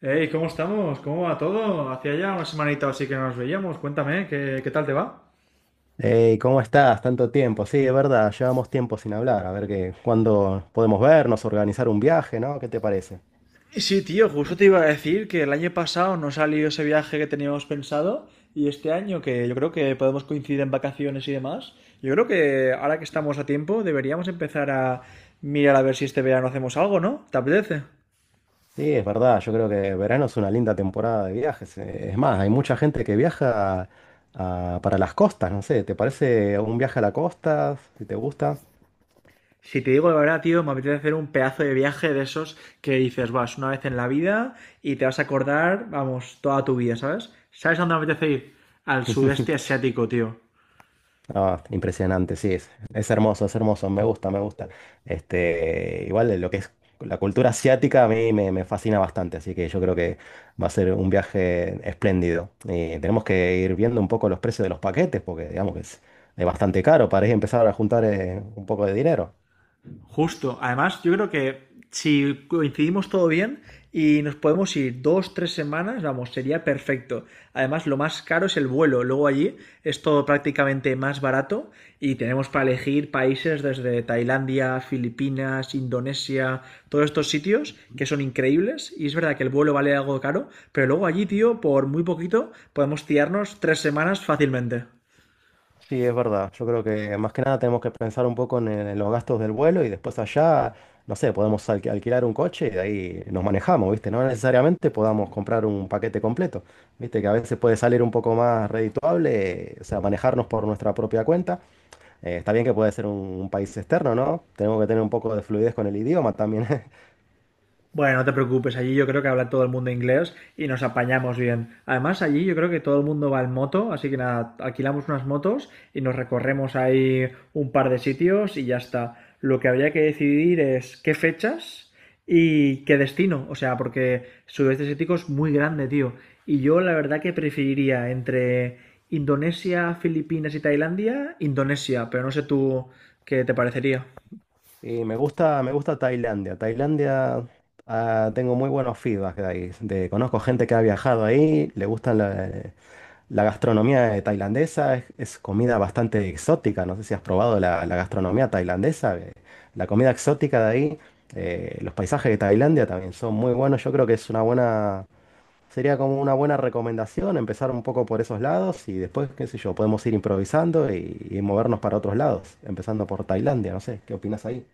Hey, ¿cómo estamos? ¿Cómo va todo? Hacía ya una semanita o así que no nos veíamos. Cuéntame, ¿qué tal te va? Hey, ¿cómo estás? Tanto tiempo. Sí, es verdad, llevamos tiempo sin hablar. A ver cuándo podemos vernos, organizar un viaje, ¿no? ¿Qué te parece? Sí, tío, justo te iba a decir que el año pasado no salió ese viaje que teníamos pensado y este año que yo creo que podemos coincidir en vacaciones y demás, yo creo que ahora que estamos a tiempo deberíamos empezar a mirar a ver si este verano hacemos algo, ¿no? ¿Te apetece? Sí, es verdad, yo creo que verano es una linda temporada de viajes. Es más, hay mucha gente que viaja para las costas, no sé, ¿te parece un viaje a la costa? Si te gusta. Si te digo la verdad, tío, me apetece hacer un pedazo de viaje de esos que dices, vas una vez en la vida y te vas a acordar, vamos, toda tu vida, ¿sabes? ¿Sabes a dónde me apetece ir? Al sudeste asiático, tío. Ah, impresionante, sí, es hermoso, me gusta, me gusta. Este, igual de lo que es la cultura asiática a me fascina bastante, así que yo creo que va a ser un viaje espléndido. Y tenemos que ir viendo un poco los precios de los paquetes, porque digamos que es bastante caro para ir a empezar a juntar un poco de dinero. Justo. Además, yo creo que si coincidimos todo bien y nos podemos ir dos, tres semanas, vamos, sería perfecto. Además, lo más caro es el vuelo. Luego allí es todo prácticamente más barato y tenemos para elegir países desde Tailandia, Filipinas, Indonesia, todos estos sitios que son increíbles. Y es verdad que el vuelo vale algo caro, pero luego allí, tío, por muy poquito podemos tirarnos tres semanas fácilmente. Sí, es verdad. Yo creo que más que nada tenemos que pensar un poco en los gastos del vuelo y después allá, no sé, podemos alquilar un coche y de ahí nos manejamos, ¿viste? No necesariamente podamos comprar un paquete completo, ¿viste? Que a veces puede salir un poco más redituable, o sea, manejarnos por nuestra propia cuenta. Está bien que puede ser un país externo, ¿no? Tenemos que tener un poco de fluidez con el idioma también. Bueno, no te preocupes, allí yo creo que habla todo el mundo inglés y nos apañamos bien. Además, allí yo creo que todo el mundo va en moto, así que nada, alquilamos unas motos y nos recorremos ahí un par de sitios y ya está. Lo que habría que decidir es qué fechas y qué destino, o sea, porque sudeste asiático es muy grande, tío. Y yo la verdad que preferiría entre Indonesia, Filipinas y Tailandia, Indonesia, pero no sé tú qué te parecería. Y me gusta Tailandia. Tailandia, ah, tengo muy buenos feedbacks de ahí. Conozco gente que ha viajado ahí, le gustan. La gastronomía tailandesa es comida bastante exótica. No sé si has probado la gastronomía tailandesa. La comida exótica de ahí, los paisajes de Tailandia también son muy buenos. Yo creo que es una buena, sería como una buena recomendación empezar un poco por esos lados y después, qué sé yo, podemos ir improvisando y movernos para otros lados, empezando por Tailandia. No sé, ¿qué opinas ahí?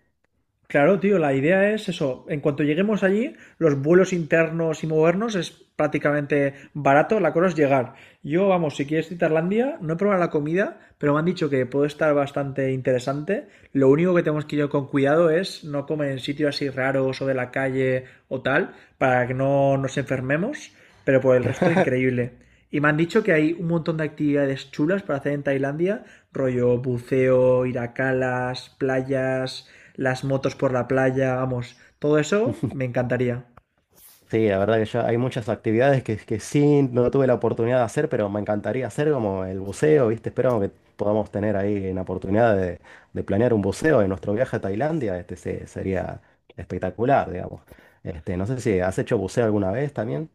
Claro, tío, la idea es eso. En cuanto lleguemos allí, los vuelos internos y movernos es prácticamente barato. La cosa es llegar. Yo, vamos, si quieres ir a Tailandia, no he probado la comida, pero me han dicho que puede estar bastante interesante. Lo único que tenemos que ir con cuidado es no comer en sitios así raros o de la calle o tal, para que no nos enfermemos. Pero por el resto, increíble. Y me han dicho que hay un montón de actividades chulas para hacer en Tailandia, rollo buceo, ir a calas, playas, las motos por la playa, vamos, todo eso me encantaría. Sí, la verdad que yo hay muchas actividades que sí no tuve la oportunidad de hacer, pero me encantaría hacer como el buceo, ¿viste? Espero que podamos tener ahí la oportunidad de planear un buceo en nuestro viaje a Tailandia. Este sería espectacular, digamos. Este, no sé si has hecho buceo alguna vez también.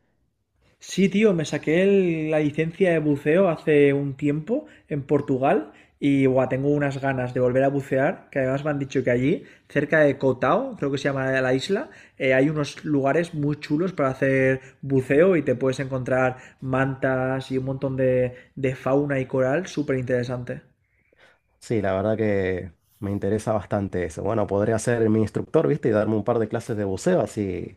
Sí, tío, me saqué la licencia de buceo hace un tiempo en Portugal y buah, tengo unas ganas de volver a bucear, que además me han dicho que allí, cerca de Cotao, creo que se llama la isla, hay unos lugares muy chulos para hacer buceo y te puedes encontrar mantas y un montón de fauna y coral súper interesante. Sí, la verdad que me interesa bastante eso. Bueno, podría ser mi instructor, ¿viste? Y darme un par de clases de buceo, así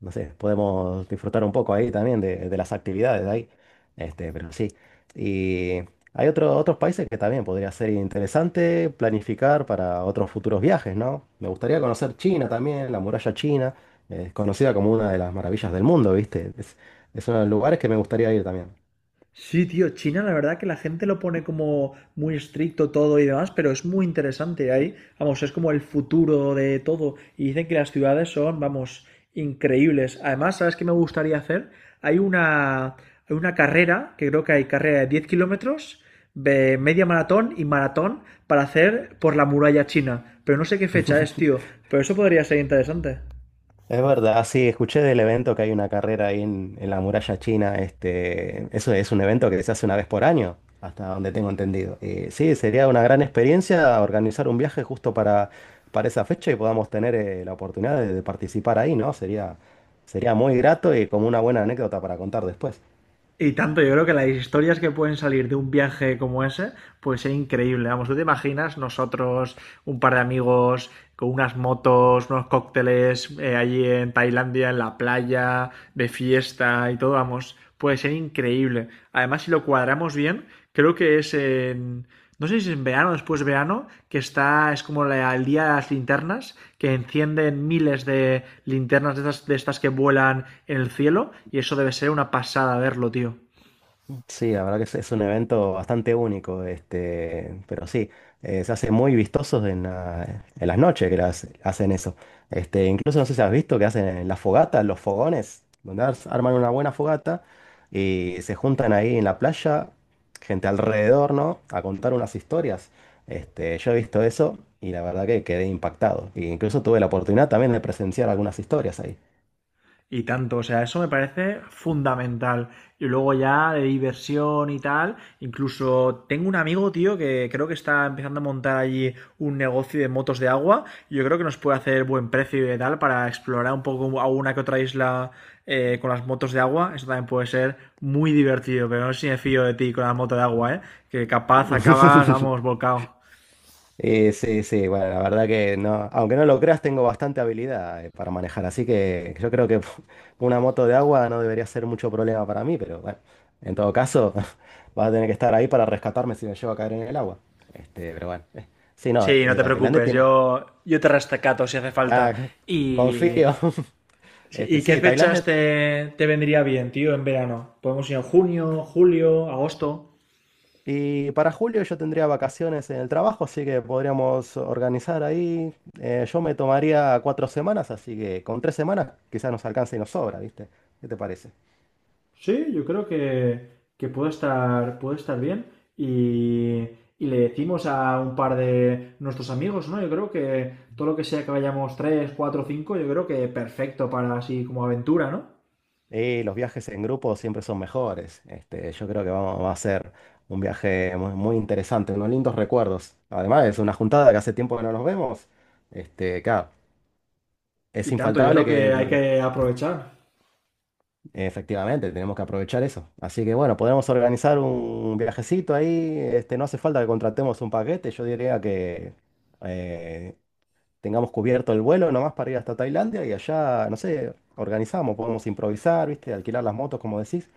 no sé, podemos disfrutar un poco ahí también de las actividades de ahí. Este, pero sí. Y hay otros países que también podría ser interesante planificar para otros futuros viajes, ¿no? Me gustaría conocer China también, la muralla china, es conocida como una de las maravillas del mundo, ¿viste? Es uno de los lugares que me gustaría ir también. Sí, tío, China, la verdad que la gente lo pone como muy estricto todo y demás, pero es muy interesante ahí. Vamos, es como el futuro de todo. Y dicen que las ciudades son, vamos, increíbles. Además, ¿sabes qué me gustaría hacer? Hay una, hay una carrera, que creo que hay carrera de 10 kilómetros, de media maratón y maratón para hacer por la muralla china. Pero no sé qué fecha es, tío. Pero eso podría ser interesante. Es verdad, sí, escuché del evento que hay una carrera ahí en la muralla china. Este, eso es un evento que se hace una vez por año, hasta donde tengo entendido. Y sí, sería una gran experiencia organizar un viaje justo para esa fecha y podamos tener la oportunidad de participar ahí, ¿no? Sería, sería muy grato y como una buena anécdota para contar después. Y tanto, yo creo que las historias que pueden salir de un viaje como ese puede ser increíble. Vamos, ¿tú te imaginas nosotros, un par de amigos, con unas motos, unos cócteles allí en Tailandia, en la playa, de fiesta y todo? Vamos, puede ser increíble. Además, si lo cuadramos bien, creo que es no sé si es en verano o después de verano, que está, es como el día de las linternas, que encienden miles de linternas de estas que vuelan en el cielo, y eso debe ser una pasada verlo, tío. Sí, la verdad que es un evento bastante único, este, pero sí, se hace muy vistosos en las noches que hacen eso. Este, incluso no sé si has visto que hacen las fogatas, los fogones, donde arman una buena fogata y se juntan ahí en la playa, gente alrededor, ¿no? A contar unas historias. Este, yo he visto eso y la verdad que quedé impactado. E incluso tuve la oportunidad también de presenciar algunas historias ahí. Y tanto, o sea, eso me parece fundamental. Y luego ya de diversión y tal, incluso tengo un amigo, tío, que creo que está empezando a montar allí un negocio de motos de agua. Yo creo que nos puede hacer buen precio y tal para explorar un poco alguna que otra isla con las motos de agua. Eso también puede ser muy divertido, pero no sé si me fío de ti con la moto de agua, ¿eh? Que capaz acabas, vamos, volcado. Sí, sí, bueno, la verdad que no, aunque no lo creas, tengo bastante habilidad para manejar, así que yo creo que una moto de agua no debería ser mucho problema para mí, pero bueno, en todo caso, vas a tener que estar ahí para rescatarme si me llevo a caer en el agua. Este, pero bueno, sí, no, Sí, no te Tailandia preocupes, tiene… yo te rescato si hace falta. Ah, Y confío. Sí, Este, ¿y qué sí, fechas Tailandia. te vendría bien, tío, en verano? ¿Podemos ir en junio, julio, agosto? Y para julio yo tendría vacaciones en el trabajo, así que podríamos organizar ahí. Yo me tomaría 4 semanas, así que con 3 semanas quizás nos alcance y nos sobra, ¿viste? ¿Qué te parece? Sí, yo creo que puede estar bien. Y, y le decimos a un par de nuestros amigos, ¿no? Yo creo que todo lo que sea que vayamos 3 4 5 yo creo que perfecto para así como aventura, ¿no? Y los viajes en grupo siempre son mejores. Este, yo creo que vamos, va a ser un viaje muy, muy interesante, unos lindos recuerdos. Además, es una juntada que hace tiempo que no nos vemos. Este, claro, es Y tanto, yo infaltable creo que hay que, que aprovechar. efectivamente, tenemos que aprovechar eso. Así que bueno, podemos organizar un viajecito ahí. Este, no hace falta que contratemos un paquete. Yo diría que eh, tengamos cubierto el vuelo nomás para ir hasta Tailandia y allá, no sé, organizamos, podemos improvisar, ¿viste? Alquilar las motos, como decís.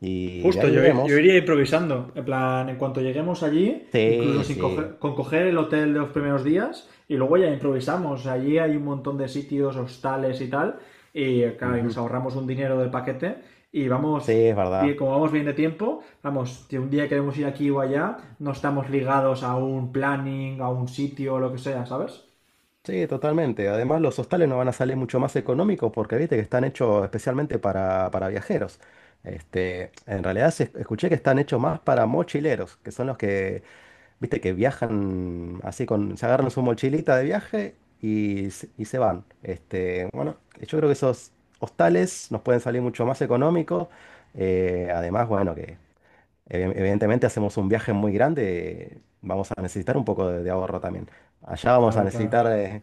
Y de Justo, ahí yo vemos. iría improvisando. En plan, en cuanto lleguemos allí, incluso Sí, sin sí. coger, con coger el hotel de los primeros días, y luego ya improvisamos. Allí hay un montón de sitios, hostales y tal, y claro, y nos Ujú. ahorramos un dinero del paquete, y Sí, vamos, es bien, verdad. como vamos bien de tiempo, vamos, si un día queremos ir aquí o allá, no estamos ligados a un planning, a un sitio o lo que sea, ¿sabes? Sí, totalmente. Además, los hostales no van a salir mucho más económicos porque viste que están hechos especialmente para viajeros. Este, en realidad escuché que están hechos más para mochileros, que son los que, viste, que viajan así con, se agarran su mochilita de viaje y, y se van. Este, bueno, yo creo que esos hostales nos pueden salir mucho más económicos. Además, bueno, que evidentemente hacemos un viaje muy grande, vamos a necesitar un poco de ahorro también. Allá vamos a Claro, claro. necesitar,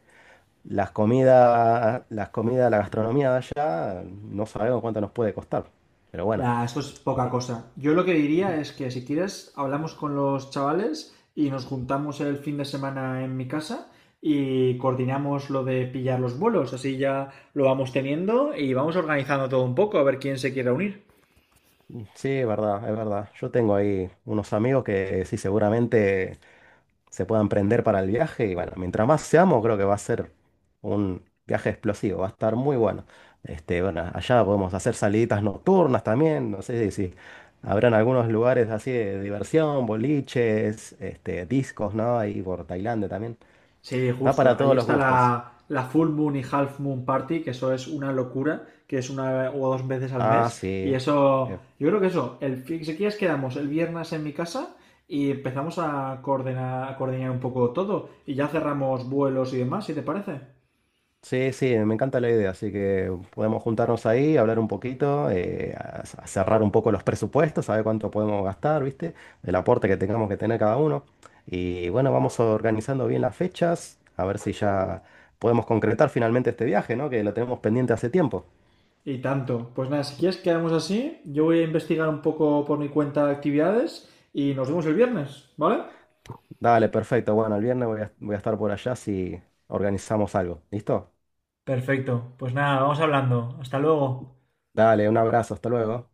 las comidas, la gastronomía de allá, no sabemos cuánto nos puede costar. Pero bueno, Nah, eso es poca cosa. Yo lo que diría es que si quieres, hablamos con los chavales y nos juntamos el fin de semana en mi casa y coordinamos lo de pillar los vuelos. Así ya lo vamos teniendo y vamos organizando todo un poco a ver quién se quiere unir. sí, es verdad, es verdad. Yo tengo ahí unos amigos que sí, seguramente se puedan prender para el viaje. Y bueno, mientras más seamos, creo que va a ser un viaje explosivo, va a estar muy bueno. Este, bueno, allá podemos hacer saliditas nocturnas también. No sé si habrán algunos lugares así de diversión, boliches, este, discos, ¿no? Ahí por Tailandia también. Sí, Está justo. para Ahí todos los está gustos. la Full Moon y Half Moon Party, que eso es una locura, que es una o dos veces al Ah, mes. Y sí. eso, Eh, yo creo que si quieres quedamos el viernes en mi casa y empezamos a coordinar un poco todo. Y ya cerramos vuelos y demás, si te parece. sí, sí, me encanta la idea, así que podemos juntarnos ahí, hablar un poquito, a cerrar un poco los presupuestos, saber cuánto podemos gastar, ¿viste? El aporte que tengamos que tener cada uno. Y bueno, vamos organizando bien las fechas, a ver si ya podemos concretar finalmente este viaje, ¿no? Que lo tenemos pendiente hace tiempo. Y tanto. Pues nada, si quieres quedamos así, yo voy a investigar un poco por mi cuenta actividades y nos vemos el viernes, ¿vale? Dale, perfecto. Bueno, el viernes voy a estar por allá si organizamos algo. ¿Listo? Perfecto. Pues nada, vamos hablando. Hasta luego. Dale, un abrazo, hasta luego.